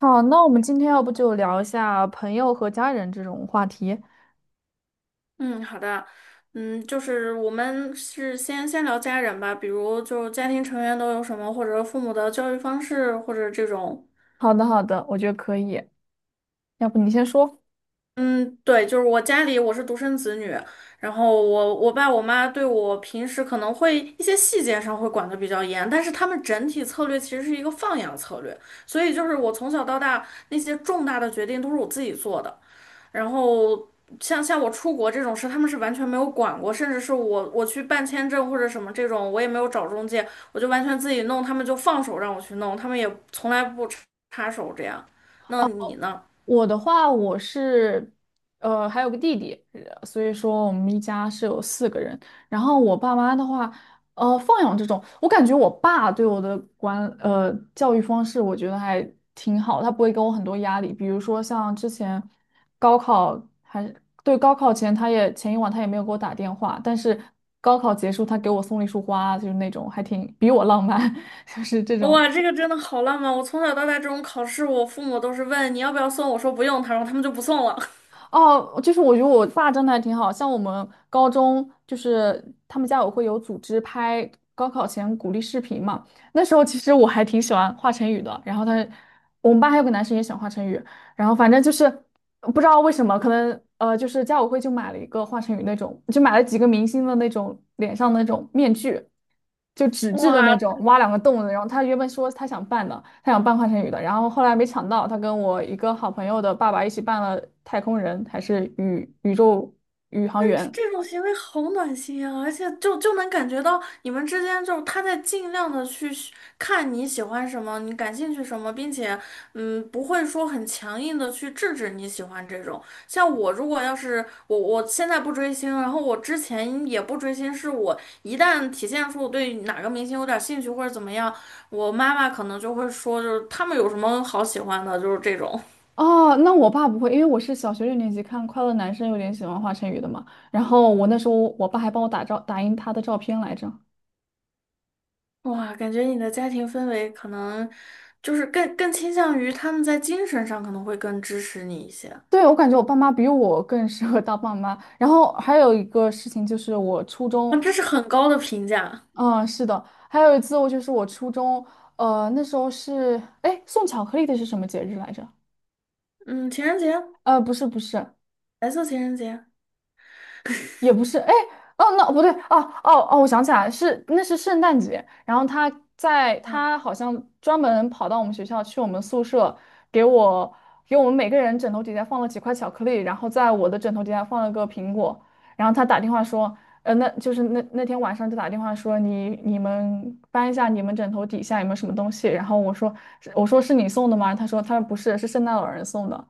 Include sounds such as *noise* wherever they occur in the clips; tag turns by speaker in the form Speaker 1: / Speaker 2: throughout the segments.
Speaker 1: 好，那我们今天要不就聊一下朋友和家人这种话题。
Speaker 2: 嗯，好的。嗯，就是我们是先聊家人吧，比如就是家庭成员都有什么，或者父母的教育方式，或者这种。
Speaker 1: 好的，好的，我觉得可以。要不你先说。
Speaker 2: 嗯，对，就是我家里我是独生子女。然后我爸我妈对我平时可能会一些细节上会管的比较严，但是他们整体策略其实是一个放养策略，所以就是我从小到大那些重大的决定都是我自己做的。然后像我出国这种事，他们是完全没有管过，甚至是我去办签证或者什么这种，我也没有找中介，我就完全自己弄，他们就放手让我去弄，他们也从来不插手这样。那你呢？
Speaker 1: 我的话，我是还有个弟弟，所以说我们一家是有四个人。然后我爸妈的话，放养这种，我感觉我爸对我的教育方式，我觉得还挺好，他不会给我很多压力。比如说像之前高考还对，高考前，他也前一晚他也没有给我打电话，但是高考结束他给我送了一束花，就是那种还挺比我浪漫，*laughs* 就是这种。
Speaker 2: 哇，这个真的好浪漫！我从小到大这种考试，我父母都是问你要不要送，我说不用，他说他们就不送了。
Speaker 1: 哦，就是我觉得我爸真的还挺好，像我们高中就是他们家委会有组织拍高考前鼓励视频嘛，那时候其实我还挺喜欢华晨宇的，然后我们班还有个男生也喜欢华晨宇，然后反正就是不知道为什么，可能就是家委会就买了一个华晨宇那种，就买了几个明星的那种脸上的那种面具，就纸
Speaker 2: *laughs*
Speaker 1: 质的那
Speaker 2: 哇，
Speaker 1: 种，挖两个洞的。然后他原本说他想办的，他想办华晨宇的，然后后来没抢到，他跟我一个好朋友的爸爸一起办了太空人，还是宇航员。
Speaker 2: 这种行为好暖心啊，而且就能感觉到你们之间就是他在尽量的去寻看你喜欢什么，你感兴趣什么，并且嗯不会说很强硬的去制止你喜欢这种。像我如果要是我现在不追星，然后我之前也不追星，是我一旦体现出我对哪个明星有点兴趣或者怎么样，我妈妈可能就会说就是他们有什么好喜欢的，就是这种。
Speaker 1: 哦，那我爸不会，因为我是小学六年级看《快乐男生》，有点喜欢华晨宇的嘛。然后我那时候，我爸还帮我打印他的照片来着。
Speaker 2: 哇，感觉你的家庭氛围可能就是更倾向于他们在精神上可能会更支持你一些啊。
Speaker 1: 对，我感觉我爸妈比我更适合当爸妈。然后还有一个事情就是我初中，
Speaker 2: 这是很高的评价。
Speaker 1: 嗯，是的，还有一次我就是我初中，那时候是，哎，送巧克力的是什么节日来着？
Speaker 2: 嗯，情人节。
Speaker 1: 不是不是，
Speaker 2: 白色情人节
Speaker 1: 也不是，哎，哦，那不对，哦哦哦，我想起来，是那是圣诞节，然后他在
Speaker 2: 啊。
Speaker 1: 他好像专门跑到我们学校去我们宿舍，给我给我们每个人枕头底下放了几块巧克力，然后在我的枕头底下放了个苹果，然后他打电话说，那天晚上就打电话说你们翻一下你们枕头底下有没有什么东西，然后我说是你送的吗？他说不是，是圣诞老人送的。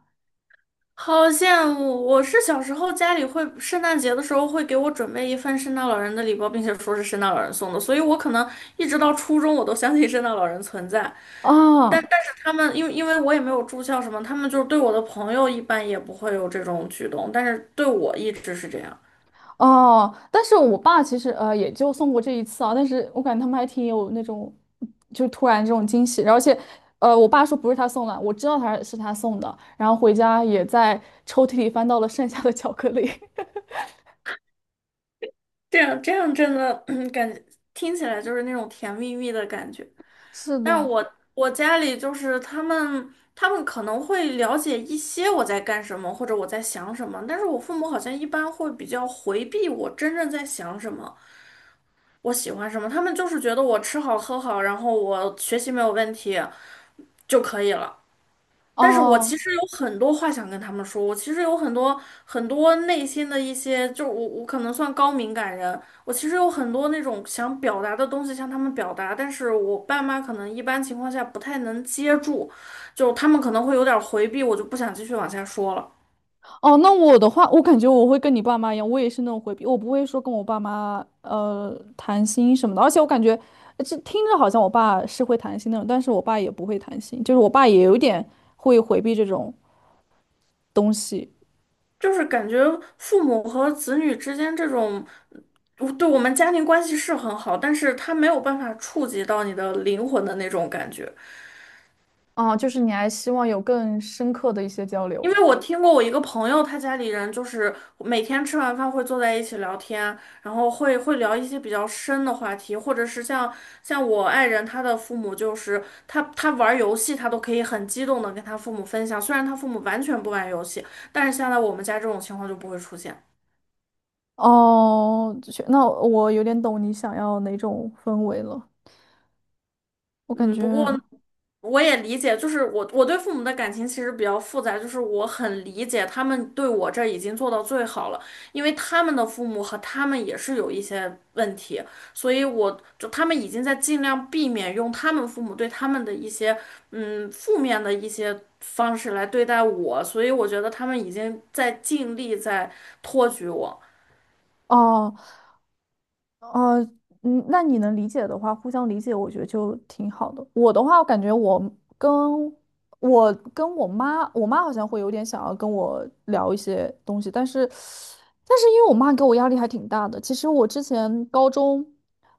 Speaker 2: 好羡慕！我是小时候家里会圣诞节的时候会给我准备一份圣诞老人的礼包，并且说是圣诞老人送的，所以我可能一直到初中我都相信圣诞老人存在。但
Speaker 1: 哦，
Speaker 2: 但是他们因为因为我也没有住校什么，他们就是对我的朋友一般也不会有这种举动，但是对我一直是这样。
Speaker 1: 哦，但是我爸其实也就送过这一次啊，但是我感觉他们还挺有那种，就是突然这种惊喜，而且，我爸说不是他送的，我知道他送的，然后回家也在抽屉里翻到了剩下的巧克力。
Speaker 2: 这样真的，*clears throat* 感觉听起来就是那种甜蜜蜜的感觉。
Speaker 1: *laughs* 是
Speaker 2: 但
Speaker 1: 的。
Speaker 2: 我家里就是他们，他们可能会了解一些我在干什么或者我在想什么，但是我父母好像一般会比较回避我真正在想什么，我喜欢什么，他们就是觉得我吃好喝好，然后我学习没有问题就可以了。但是我其
Speaker 1: 哦
Speaker 2: 实有很多话想跟他们说，我其实有很多内心的一些，就是我可能算高敏感人，我其实有很多那种想表达的东西向他们表达，但是我爸妈可能一般情况下不太能接住，就他们可能会有点儿回避，我就不想继续往下说了。
Speaker 1: 哦，那我的话，我感觉我会跟你爸妈一样，我也是那种回避，我不会说跟我爸妈谈心什么的，而且我感觉这听着好像我爸是会谈心那种，但是我爸也不会谈心，就是我爸也有一点会回避这种东西。
Speaker 2: 就是感觉父母和子女之间这种，嗯对我们家庭关系是很好，但是他没有办法触及到你的灵魂的那种感觉。
Speaker 1: 哦，就是你还希望有更深刻的一些交
Speaker 2: 因
Speaker 1: 流。
Speaker 2: 为我听过我一个朋友，他家里人就是每天吃完饭会坐在一起聊天，然后会聊一些比较深的话题，或者是像我爱人他的父母，就是他玩游戏，他都可以很激动的跟他父母分享，虽然他父母完全不玩游戏，但是现在我们家这种情况就不会出现。
Speaker 1: 哦，就是那我有点懂你想要哪种氛围了。我感
Speaker 2: 嗯，
Speaker 1: 觉，
Speaker 2: 不过呢我也理解，就是我对父母的感情其实比较复杂，就是我很理解他们对我这已经做到最好了，因为他们的父母和他们也是有一些问题，所以我就他们已经在尽量避免用他们父母对他们的一些嗯负面的一些方式来对待我，所以我觉得他们已经在尽力在托举我。
Speaker 1: 哦，哦，嗯，那你能理解的话，互相理解，我觉得就挺好的。我的话，我感觉跟我跟我妈，我妈好像会有点想要跟我聊一些东西，但是，因为我妈给我压力还挺大的。其实我之前高中，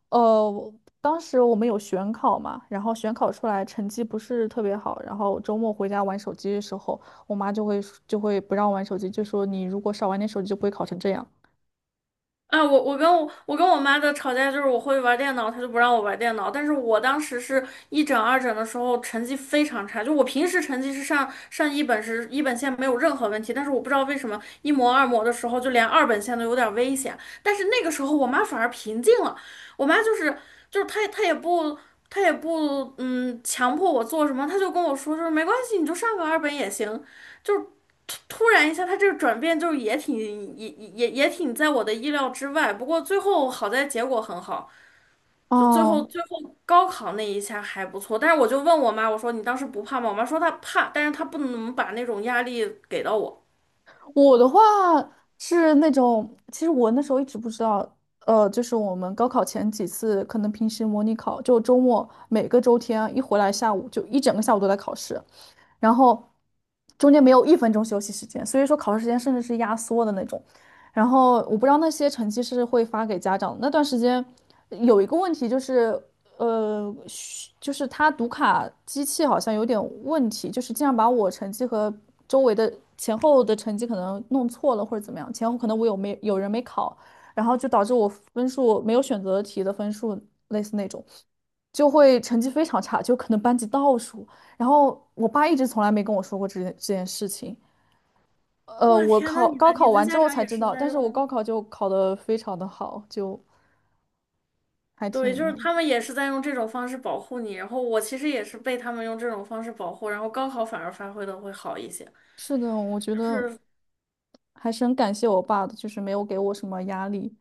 Speaker 1: 呃，当时我们有选考嘛，然后选考出来成绩不是特别好，然后周末回家玩手机的时候，我妈就会不让我玩手机，就说你如果少玩点手机，就不会考成这样。
Speaker 2: 啊，我跟我妈的吵架就是我会玩电脑，她就不让我玩电脑。但是我当时是一整二整的时候成绩非常差，就我平时成绩是上一本是一本线没有任何问题，但是我不知道为什么一模二模的时候就连二本线都有点危险。但是那个时候我妈反而平静了，我妈就是她也不嗯强迫我做什么，她就跟我说就是没关系，你就上个二本也行，就。突然一下，他这个转变就是也挺在我的意料之外。不过最后好在结果很好，就最后
Speaker 1: 哦，
Speaker 2: 最后高考那一下还不错。但是我就问我妈，我说你当时不怕吗？我妈说她怕，但是她不能把那种压力给到我。
Speaker 1: 我的话是那种，其实我那时候一直不知道，就是我们高考前几次可能平时模拟考，就周末每个周天啊一回来下午就一整个下午都在考试，然后中间没有一分钟休息时间，所以说考试时间甚至是压缩的那种。然后我不知道那些成绩是会发给家长的那段时间有一个问题就是，就是他读卡机器好像有点问题，就是经常把我成绩和周围的前后的成绩可能弄错了或者怎么样，前后可能我有没有人没考，然后就导致我分数没有选择题的分数类似那种，就会成绩非常差，就可能班级倒数。然后我爸一直从来没跟我说过这件事情。
Speaker 2: 我
Speaker 1: 我
Speaker 2: 天呐，
Speaker 1: 考
Speaker 2: 你
Speaker 1: 高
Speaker 2: 的
Speaker 1: 考
Speaker 2: 你的
Speaker 1: 完之
Speaker 2: 家
Speaker 1: 后
Speaker 2: 长
Speaker 1: 才
Speaker 2: 也
Speaker 1: 知
Speaker 2: 是
Speaker 1: 道，
Speaker 2: 在
Speaker 1: 但是我高
Speaker 2: 用。
Speaker 1: 考就考得非常的好，就还
Speaker 2: 对，就
Speaker 1: 挺那
Speaker 2: 是
Speaker 1: 个。
Speaker 2: 他们也是在用这种方式保护你。然后我其实也是被他们用这种方式保护，然后高考反而发挥的会好一些。
Speaker 1: 是的，我觉
Speaker 2: 就
Speaker 1: 得
Speaker 2: 是
Speaker 1: 还是很感谢我爸的，就是没有给我什么压力。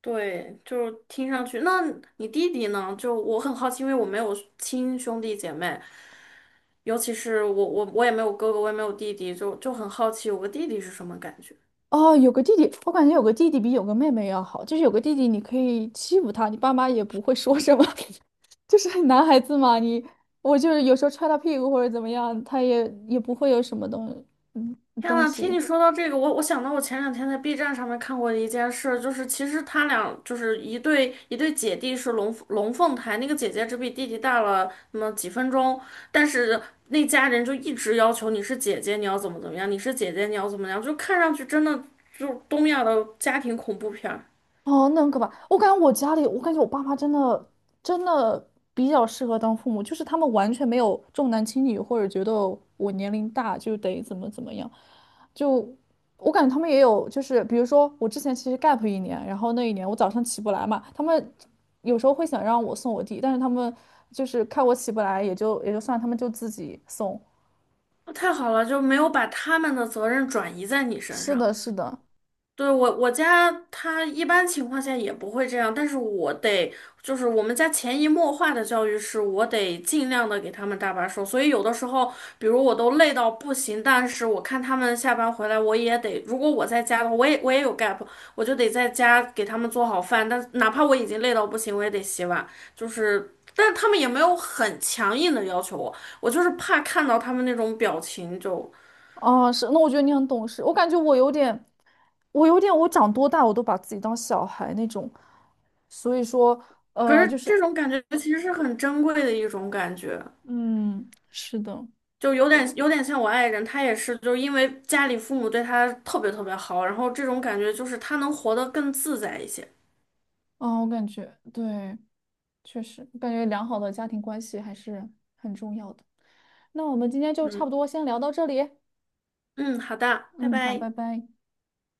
Speaker 2: 对，就是听上去。那你弟弟呢？就我很好奇，因为我没有亲兄弟姐妹，尤其是我也没有哥哥，我也没有弟弟，就很好奇我个弟弟是什么感觉。
Speaker 1: 哦，有个弟弟，我感觉有个弟弟比有个妹妹要好，就是有个弟弟你可以欺负他，你爸妈也不会说什么。*laughs* 就是男孩子嘛，我就是有时候踹他屁股或者怎么样，他也不会有什么嗯
Speaker 2: 天
Speaker 1: 东
Speaker 2: 呐，听
Speaker 1: 西。
Speaker 2: 你说到这个，我想到我前两天在 B 站上面看过的一件事，就是其实他俩就是一对姐弟是龙凤胎，那个姐姐只比弟弟大了那么几分钟，但是那家人就一直要求你是姐姐，你要怎么怎么样，你是姐姐，你要怎么样，就看上去真的就东亚的家庭恐怖片儿。
Speaker 1: 哦，那很可怕。我感觉我家里，我感觉我爸妈真的真的比较适合当父母，就是他们完全没有重男轻女，或者觉得我年龄大就得怎么怎么样。就我感觉他们也有，就是比如说我之前其实 gap 一年，然后那一年我早上起不来嘛，他们有时候会想让我送我弟，但是他们就是看我起不来，也就算了，他们就自己送。
Speaker 2: 太好了，就没有把他们的责任转移在你身
Speaker 1: 是
Speaker 2: 上。
Speaker 1: 的，是的。
Speaker 2: 对，我我家他一般情况下也不会这样，但是我得就是我们家潜移默化的教育是我得尽量的给他们搭把手，所以有的时候，比如我都累到不行，但是我看他们下班回来，我也得，如果我在家的话，我也有 gap,我就得在家给他们做好饭，但哪怕我已经累到不行，我也得洗碗，就是。但是他们也没有很强硬的要求我，我就是怕看到他们那种表情就。
Speaker 1: 哦，是，那我觉得你很懂事。我感觉我有点，我长多大我都把自己当小孩那种。所以说，
Speaker 2: 可是
Speaker 1: 就
Speaker 2: 这
Speaker 1: 是，
Speaker 2: 种感觉其实是很珍贵的一种感觉。
Speaker 1: 嗯，是的。
Speaker 2: 就有点像我爱人，他也是，就是因为家里父母对他特别特别好，然后这种感觉就是他能活得更自在一些。
Speaker 1: 啊，我感觉对，确实，我感觉良好的家庭关系还是很重要的。那我们今天就差
Speaker 2: 嗯。
Speaker 1: 不多先聊到这里。
Speaker 2: 嗯，好的，拜
Speaker 1: 嗯，好，
Speaker 2: 拜。
Speaker 1: 拜拜。